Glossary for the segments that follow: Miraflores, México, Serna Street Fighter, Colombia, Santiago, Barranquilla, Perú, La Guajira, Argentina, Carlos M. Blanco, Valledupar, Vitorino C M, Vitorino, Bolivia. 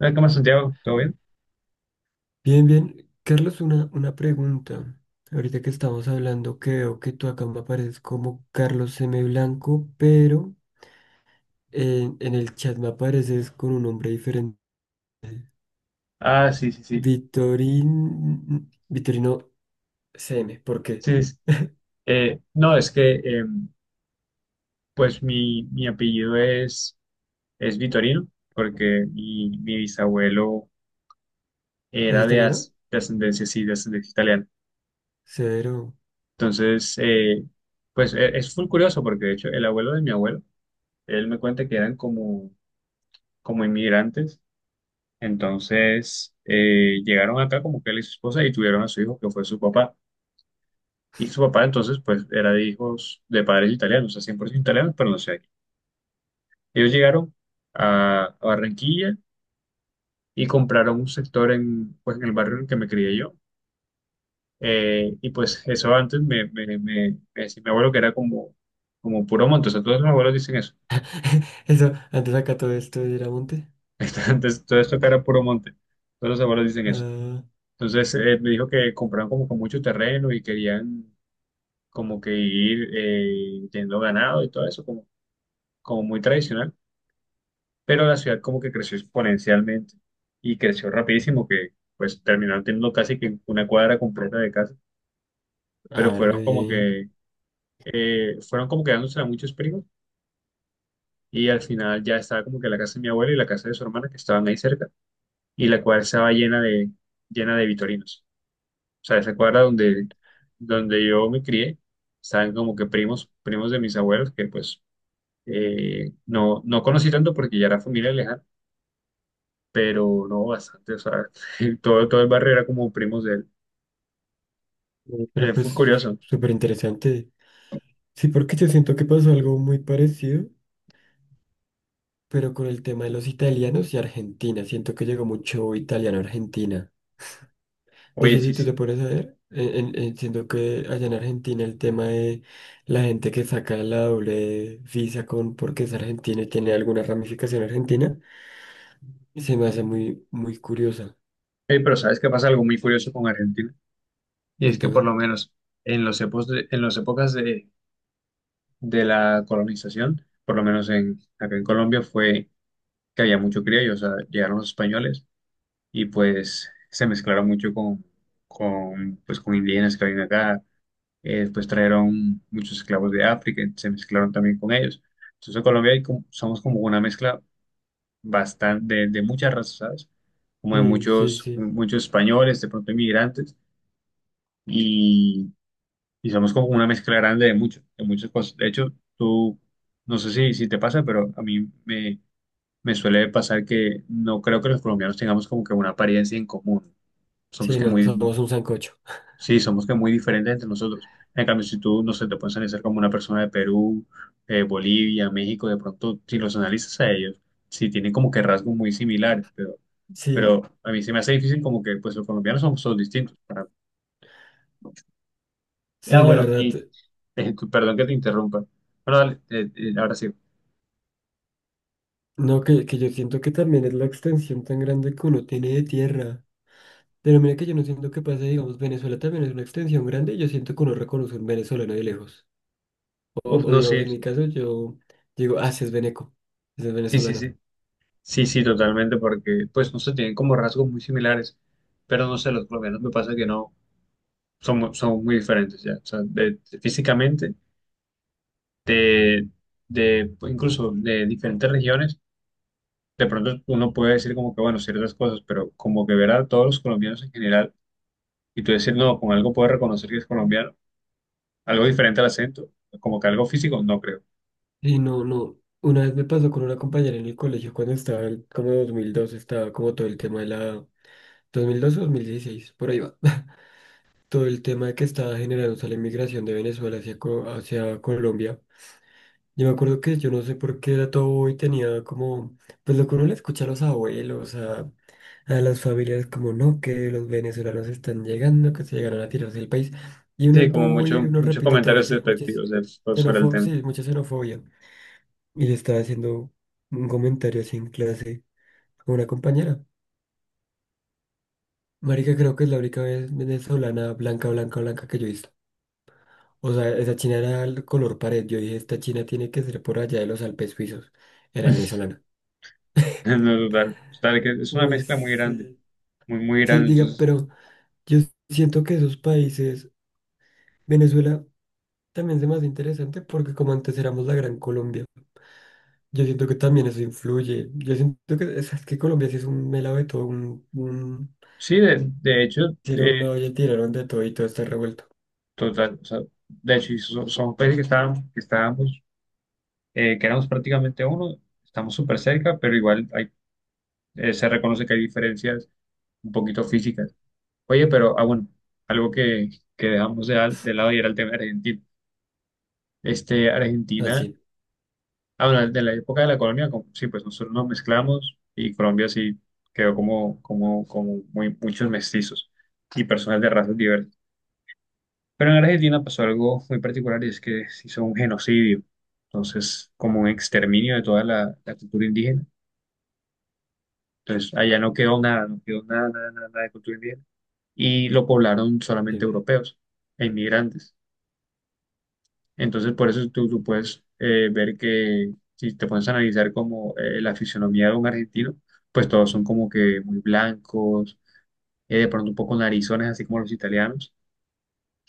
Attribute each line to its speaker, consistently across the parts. Speaker 1: ¿Cómo estás, Santiago? ¿Todo bien?
Speaker 2: Bien, bien. Carlos, una pregunta. Ahorita que estamos hablando, que veo que tú acá me apareces como Carlos M. Blanco, pero en el chat me apareces con un nombre diferente.
Speaker 1: Ah, sí, sí, sí.
Speaker 2: Vitorino C M. ¿Por qué?
Speaker 1: Sí, es- no, es que pues mi apellido es Vitorino, porque mi bisabuelo
Speaker 2: ¿Es
Speaker 1: era
Speaker 2: italiano?
Speaker 1: de ascendencia, sí, de ascendencia italiana.
Speaker 2: Severo.
Speaker 1: Entonces, pues es full curioso, porque de hecho el abuelo de mi abuelo, él me cuenta que eran como inmigrantes. Entonces, llegaron acá como que él y su esposa y tuvieron a su hijo, que fue su papá. Y su papá entonces pues era de hijos de padres italianos, o sea, 100% italianos, pero no sé. Ellos llegaron a Barranquilla y compraron un sector en, pues, en el barrio en el que me crié yo. Y pues eso antes me decía mi abuelo que era como puro monte, o sea, todos los abuelos dicen eso.
Speaker 2: Eso, antes acá todo esto era monte.
Speaker 1: Antes todo esto que era puro monte, todos los abuelos dicen eso.
Speaker 2: Ah,
Speaker 1: Entonces me dijo que compraron como con mucho terreno y querían como que ir teniendo ganado y todo eso, como muy tradicional. Pero la ciudad como que creció exponencialmente y creció rapidísimo que pues terminaron teniendo casi que una cuadra completa de casas, pero
Speaker 2: ah,
Speaker 1: fueron
Speaker 2: re
Speaker 1: como
Speaker 2: bien.
Speaker 1: que fueron como quedándose a muchos primos, y al final ya estaba como que la casa de mi abuela y la casa de su hermana que estaban ahí cerca y la cuadra estaba llena de vitorinos. O sea, esa cuadra donde yo me crié estaban como que primos primos de mis abuelos que pues no conocí tanto porque ya era familia lejana, pero no bastante, o sea, todo el barrio era como primos de él.
Speaker 2: Pero
Speaker 1: Fue
Speaker 2: pues
Speaker 1: curioso.
Speaker 2: súper interesante. Sí, porque yo siento que pasó algo muy parecido. Pero con el tema de los italianos y Argentina, siento que llegó mucho italiano a Argentina. De
Speaker 1: Oye,
Speaker 2: hecho,
Speaker 1: sí,
Speaker 2: si tú te
Speaker 1: sí.
Speaker 2: pones a ver, siento que allá en Argentina el tema de la gente que saca la doble visa con porque es argentina y tiene alguna ramificación argentina, se me hace muy, muy curiosa.
Speaker 1: Pero ¿sabes qué pasa? Algo muy curioso con Argentina. Y es que por
Speaker 2: Cuéntame.
Speaker 1: lo menos en las épocas de la colonización, por lo menos acá en Colombia, fue que había mucho criollo, o sea, llegaron los españoles y pues se mezclaron mucho con indígenas que habían acá. Después trajeron muchos esclavos de África, se mezclaron también con ellos. Entonces, en Colombia somos como una mezcla bastante, de muchas razas, ¿sabes? Como de
Speaker 2: Sí, sí, sí.
Speaker 1: muchos españoles, de pronto inmigrantes, y, y somos como una mezcla grande de mucho, de muchas cosas. De hecho, tú, no sé si, si te pasa, pero me suele pasar que no creo que los colombianos tengamos como que una apariencia en común. Somos
Speaker 2: Sí,
Speaker 1: que
Speaker 2: no,
Speaker 1: muy,
Speaker 2: somos un sancocho.
Speaker 1: sí, somos que muy diferentes entre nosotros. En cambio, si tú, no sé, te puedes analizar como una persona de Perú, Bolivia, México, de pronto, si los analizas a ellos, sí tienen como que rasgos muy similares, pero
Speaker 2: Sí,
Speaker 1: a mí se me hace difícil como que pues los colombianos somos todos distintos.
Speaker 2: sí,
Speaker 1: Ya,
Speaker 2: la
Speaker 1: bueno, y
Speaker 2: verdad.
Speaker 1: Perdón que te interrumpa. Bueno, dale, ahora sí.
Speaker 2: No, que yo siento que también es la extensión tan grande que uno tiene de tierra. Pero mira que yo no siento que pase, digamos, Venezuela también es una extensión grande, yo siento que uno reconoce un venezolano de lejos. O,
Speaker 1: Uf,
Speaker 2: o
Speaker 1: no, sí,
Speaker 2: digamos, en mi
Speaker 1: sí,
Speaker 2: caso, yo digo, ah, sí es veneco, sí es
Speaker 1: sí, sí,
Speaker 2: venezolana.
Speaker 1: sí, sí, sí, totalmente, porque pues no sé, tienen como rasgos muy similares, pero no sé, los colombianos me pasa que no, son muy diferentes ya, o sea, físicamente, de, de, pues, incluso de diferentes regiones, de pronto uno puede decir como que, bueno, ciertas cosas, pero como que ver a todos los colombianos en general y tú decir, no, con algo puedes reconocer que es colombiano. Algo diferente al acento, como que algo físico, no creo.
Speaker 2: Y no, no, una vez me pasó con una compañera en el colegio cuando estaba, como 2002, estaba como todo el tema de la... 2012, 2016, por ahí va. Todo el tema de que estaba generándose la inmigración de Venezuela hacia, hacia Colombia. Yo me acuerdo que yo no sé por qué era todo y tenía como, pues lo que uno le escucha a los abuelos, a las familias como no, que los venezolanos están llegando, que se llegaron a tirarse el país. Y uno
Speaker 1: Sí,
Speaker 2: es
Speaker 1: como
Speaker 2: bobo y uno
Speaker 1: muchos
Speaker 2: repite todo,
Speaker 1: comentarios
Speaker 2: sí, muchas
Speaker 1: despectivos sobre el
Speaker 2: xenofo
Speaker 1: tema.
Speaker 2: sí, mucha xenofobia. Y le estaba haciendo un comentario así en clase a una compañera. Marica, creo que es la única vez venezolana blanca, blanca, blanca que yo he visto. O sea, esa china era el color pared. Yo dije, esta china tiene que ser por allá de los Alpes suizos. Era venezolana.
Speaker 1: No, total, total, que es una
Speaker 2: Uy,
Speaker 1: mezcla muy grande,
Speaker 2: sí.
Speaker 1: muy
Speaker 2: Sí,
Speaker 1: grande.
Speaker 2: diga,
Speaker 1: Entonces,
Speaker 2: pero yo siento que esos países, Venezuela. También se me hace interesante porque como antes éramos la Gran Colombia, yo siento que también eso influye. Yo siento que es que Colombia sí es un melado de todo, un
Speaker 1: sí, de hecho, eh,
Speaker 2: hicieron una olla y tiraron de todo y todo está revuelto.
Speaker 1: total, o sea, de hecho, y son países que estábamos, que éramos prácticamente uno, estamos súper cerca, pero igual hay, se reconoce que hay diferencias un poquito físicas. Oye, pero, ah, bueno, algo que, que dejamos de lado y era el tema de Argentina. Este, Argentina.
Speaker 2: Así,
Speaker 1: Ah, bueno, de la época de la colonia, sí, pues nosotros nos mezclamos y Colombia sí quedó como muy, muchos mestizos y personas de razas diversas. Pero en Argentina pasó algo muy particular y es que se hizo un genocidio, entonces como un exterminio de toda la cultura indígena. Entonces allá no quedó nada, no quedó nada, nada, nada nada de cultura indígena y lo poblaron solamente
Speaker 2: sí.
Speaker 1: europeos e inmigrantes. Entonces, por eso tú puedes ver que si te pones a analizar como la fisionomía de un argentino, pues todos son como que muy blancos, de pronto un poco narizones, así como los italianos.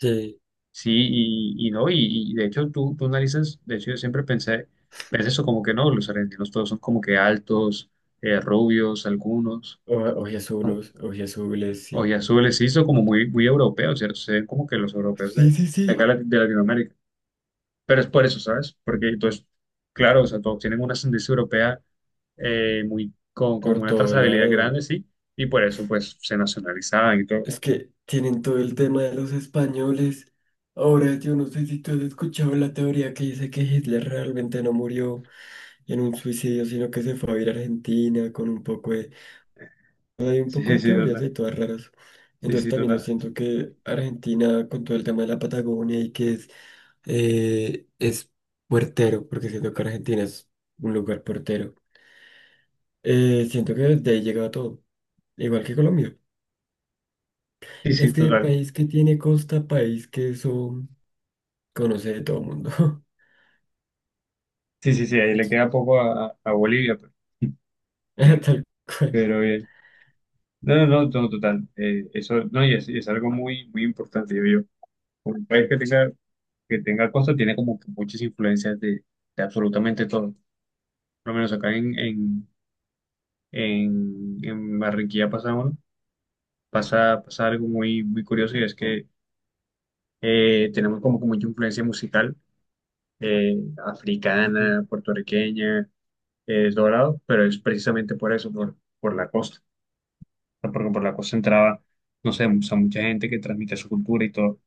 Speaker 2: Sí.
Speaker 1: Sí, y no, y de hecho tú analizas, de hecho yo siempre pensé eso como que no, los argentinos todos son como que altos, rubios, algunos,
Speaker 2: O,
Speaker 1: con
Speaker 2: oye azules, sí.
Speaker 1: ojiazules, sí, son como muy europeos, ¿cierto? Se ven como que los europeos
Speaker 2: Sí, sí,
Speaker 1: de
Speaker 2: sí.
Speaker 1: acá de Latinoamérica. Pero es por eso, ¿sabes? Porque entonces, claro, o sea, todos tienen una ascendencia europea con
Speaker 2: Por
Speaker 1: una
Speaker 2: todo
Speaker 1: trazabilidad
Speaker 2: lado.
Speaker 1: grande, sí, y por eso pues se nacionalizaban y todo.
Speaker 2: Es que tienen todo el tema de los españoles. Ahora yo no sé si tú has escuchado la teoría que dice que Hitler realmente no murió en un suicidio, sino que se fue a ir a Argentina con un poco de Hay un
Speaker 1: Sí,
Speaker 2: poco
Speaker 1: sí,
Speaker 2: de
Speaker 1: sí,
Speaker 2: teorías
Speaker 1: total.
Speaker 2: de todas raras.
Speaker 1: Sí,
Speaker 2: Entonces
Speaker 1: sí,
Speaker 2: también yo
Speaker 1: total.
Speaker 2: siento que Argentina, con todo el tema de la Patagonia y que es puertero, porque siento que Argentina es un lugar puertero, siento que desde ahí llega todo, igual que Colombia.
Speaker 1: Sí,
Speaker 2: Es
Speaker 1: sí,
Speaker 2: que el
Speaker 1: total.
Speaker 2: país que tiene costa, país que eso conoce de todo el mundo.
Speaker 1: Sí, sí, sí, ahí le queda poco a Bolivia,
Speaker 2: Tal cual.
Speaker 1: pero bien. No, no, no, no, total. Eso, no, y es algo muy, muy importante, yo digo. Un país que tenga costa tiene como que muchas influencias de absolutamente todo. Por lo menos acá en Barranquilla pasa algo muy, muy curioso y es que tenemos como que mucha influencia musical eh,
Speaker 2: Ujú.
Speaker 1: africana, puertorriqueña, dorado, pero es precisamente por eso, por la costa. O sea, porque por la costa entraba, no sé, o sea, mucha gente que transmite su cultura y todo.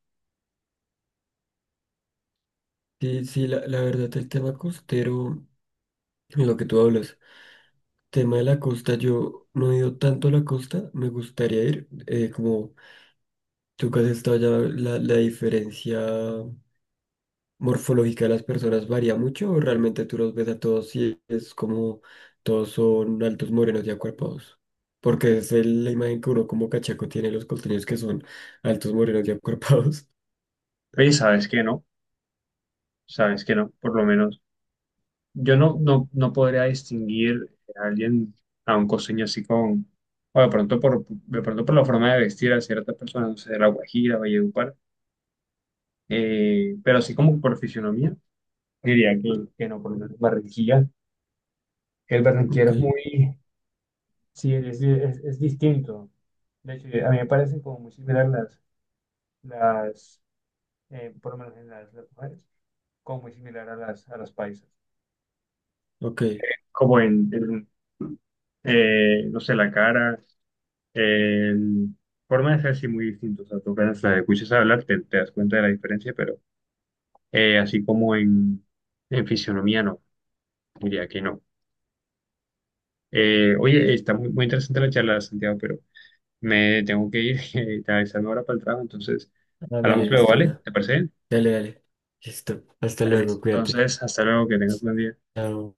Speaker 2: Sí, sí, la verdad, el tema costero, lo que tú hablas. Tema de la costa, yo no he ido tanto a la costa, me gustaría ir, como tú que has estado allá, la diferencia morfológica de las personas varía mucho, o realmente tú los ves a todos y es como todos son altos, morenos y acuerpados, porque es la imagen que uno como cachaco tiene de los costeños que son altos, morenos y acuerpados.
Speaker 1: Oye, ¿sabes que no? ¿Sabes que no? Por lo menos yo no podría distinguir a alguien, a un costeño así con, o de pronto de pronto por la forma de vestir a ciertas personas, no sé, de La Guajira, Valledupar. Pero así como por fisionomía, diría que no, por lo Barranquilla. El barranquillero
Speaker 2: Ok,
Speaker 1: es muy, sí, es distinto. De hecho, a mí me parecen como muy similar las por lo menos en las mujeres, como muy similar a a las paisas.
Speaker 2: ok,
Speaker 1: Como no sé, la cara, el forma de ser sí muy distinto. O sea, tú apenas la escuchas hablar, te das cuenta de la diferencia, pero eh, así como en, en fisionomía, no, diría que no. Oye, está muy, muy interesante la charla, Santiago, pero me tengo que ir realizando ahora para el trabajo, entonces
Speaker 2: ah, dale,
Speaker 1: hablamos luego,
Speaker 2: listo,
Speaker 1: ¿vale?
Speaker 2: una.
Speaker 1: ¿Te parece bien?
Speaker 2: Dale, dale, listo, hasta
Speaker 1: Dale,
Speaker 2: luego, cuídate.
Speaker 1: entonces, hasta luego, que tengas un buen día.
Speaker 2: Chao.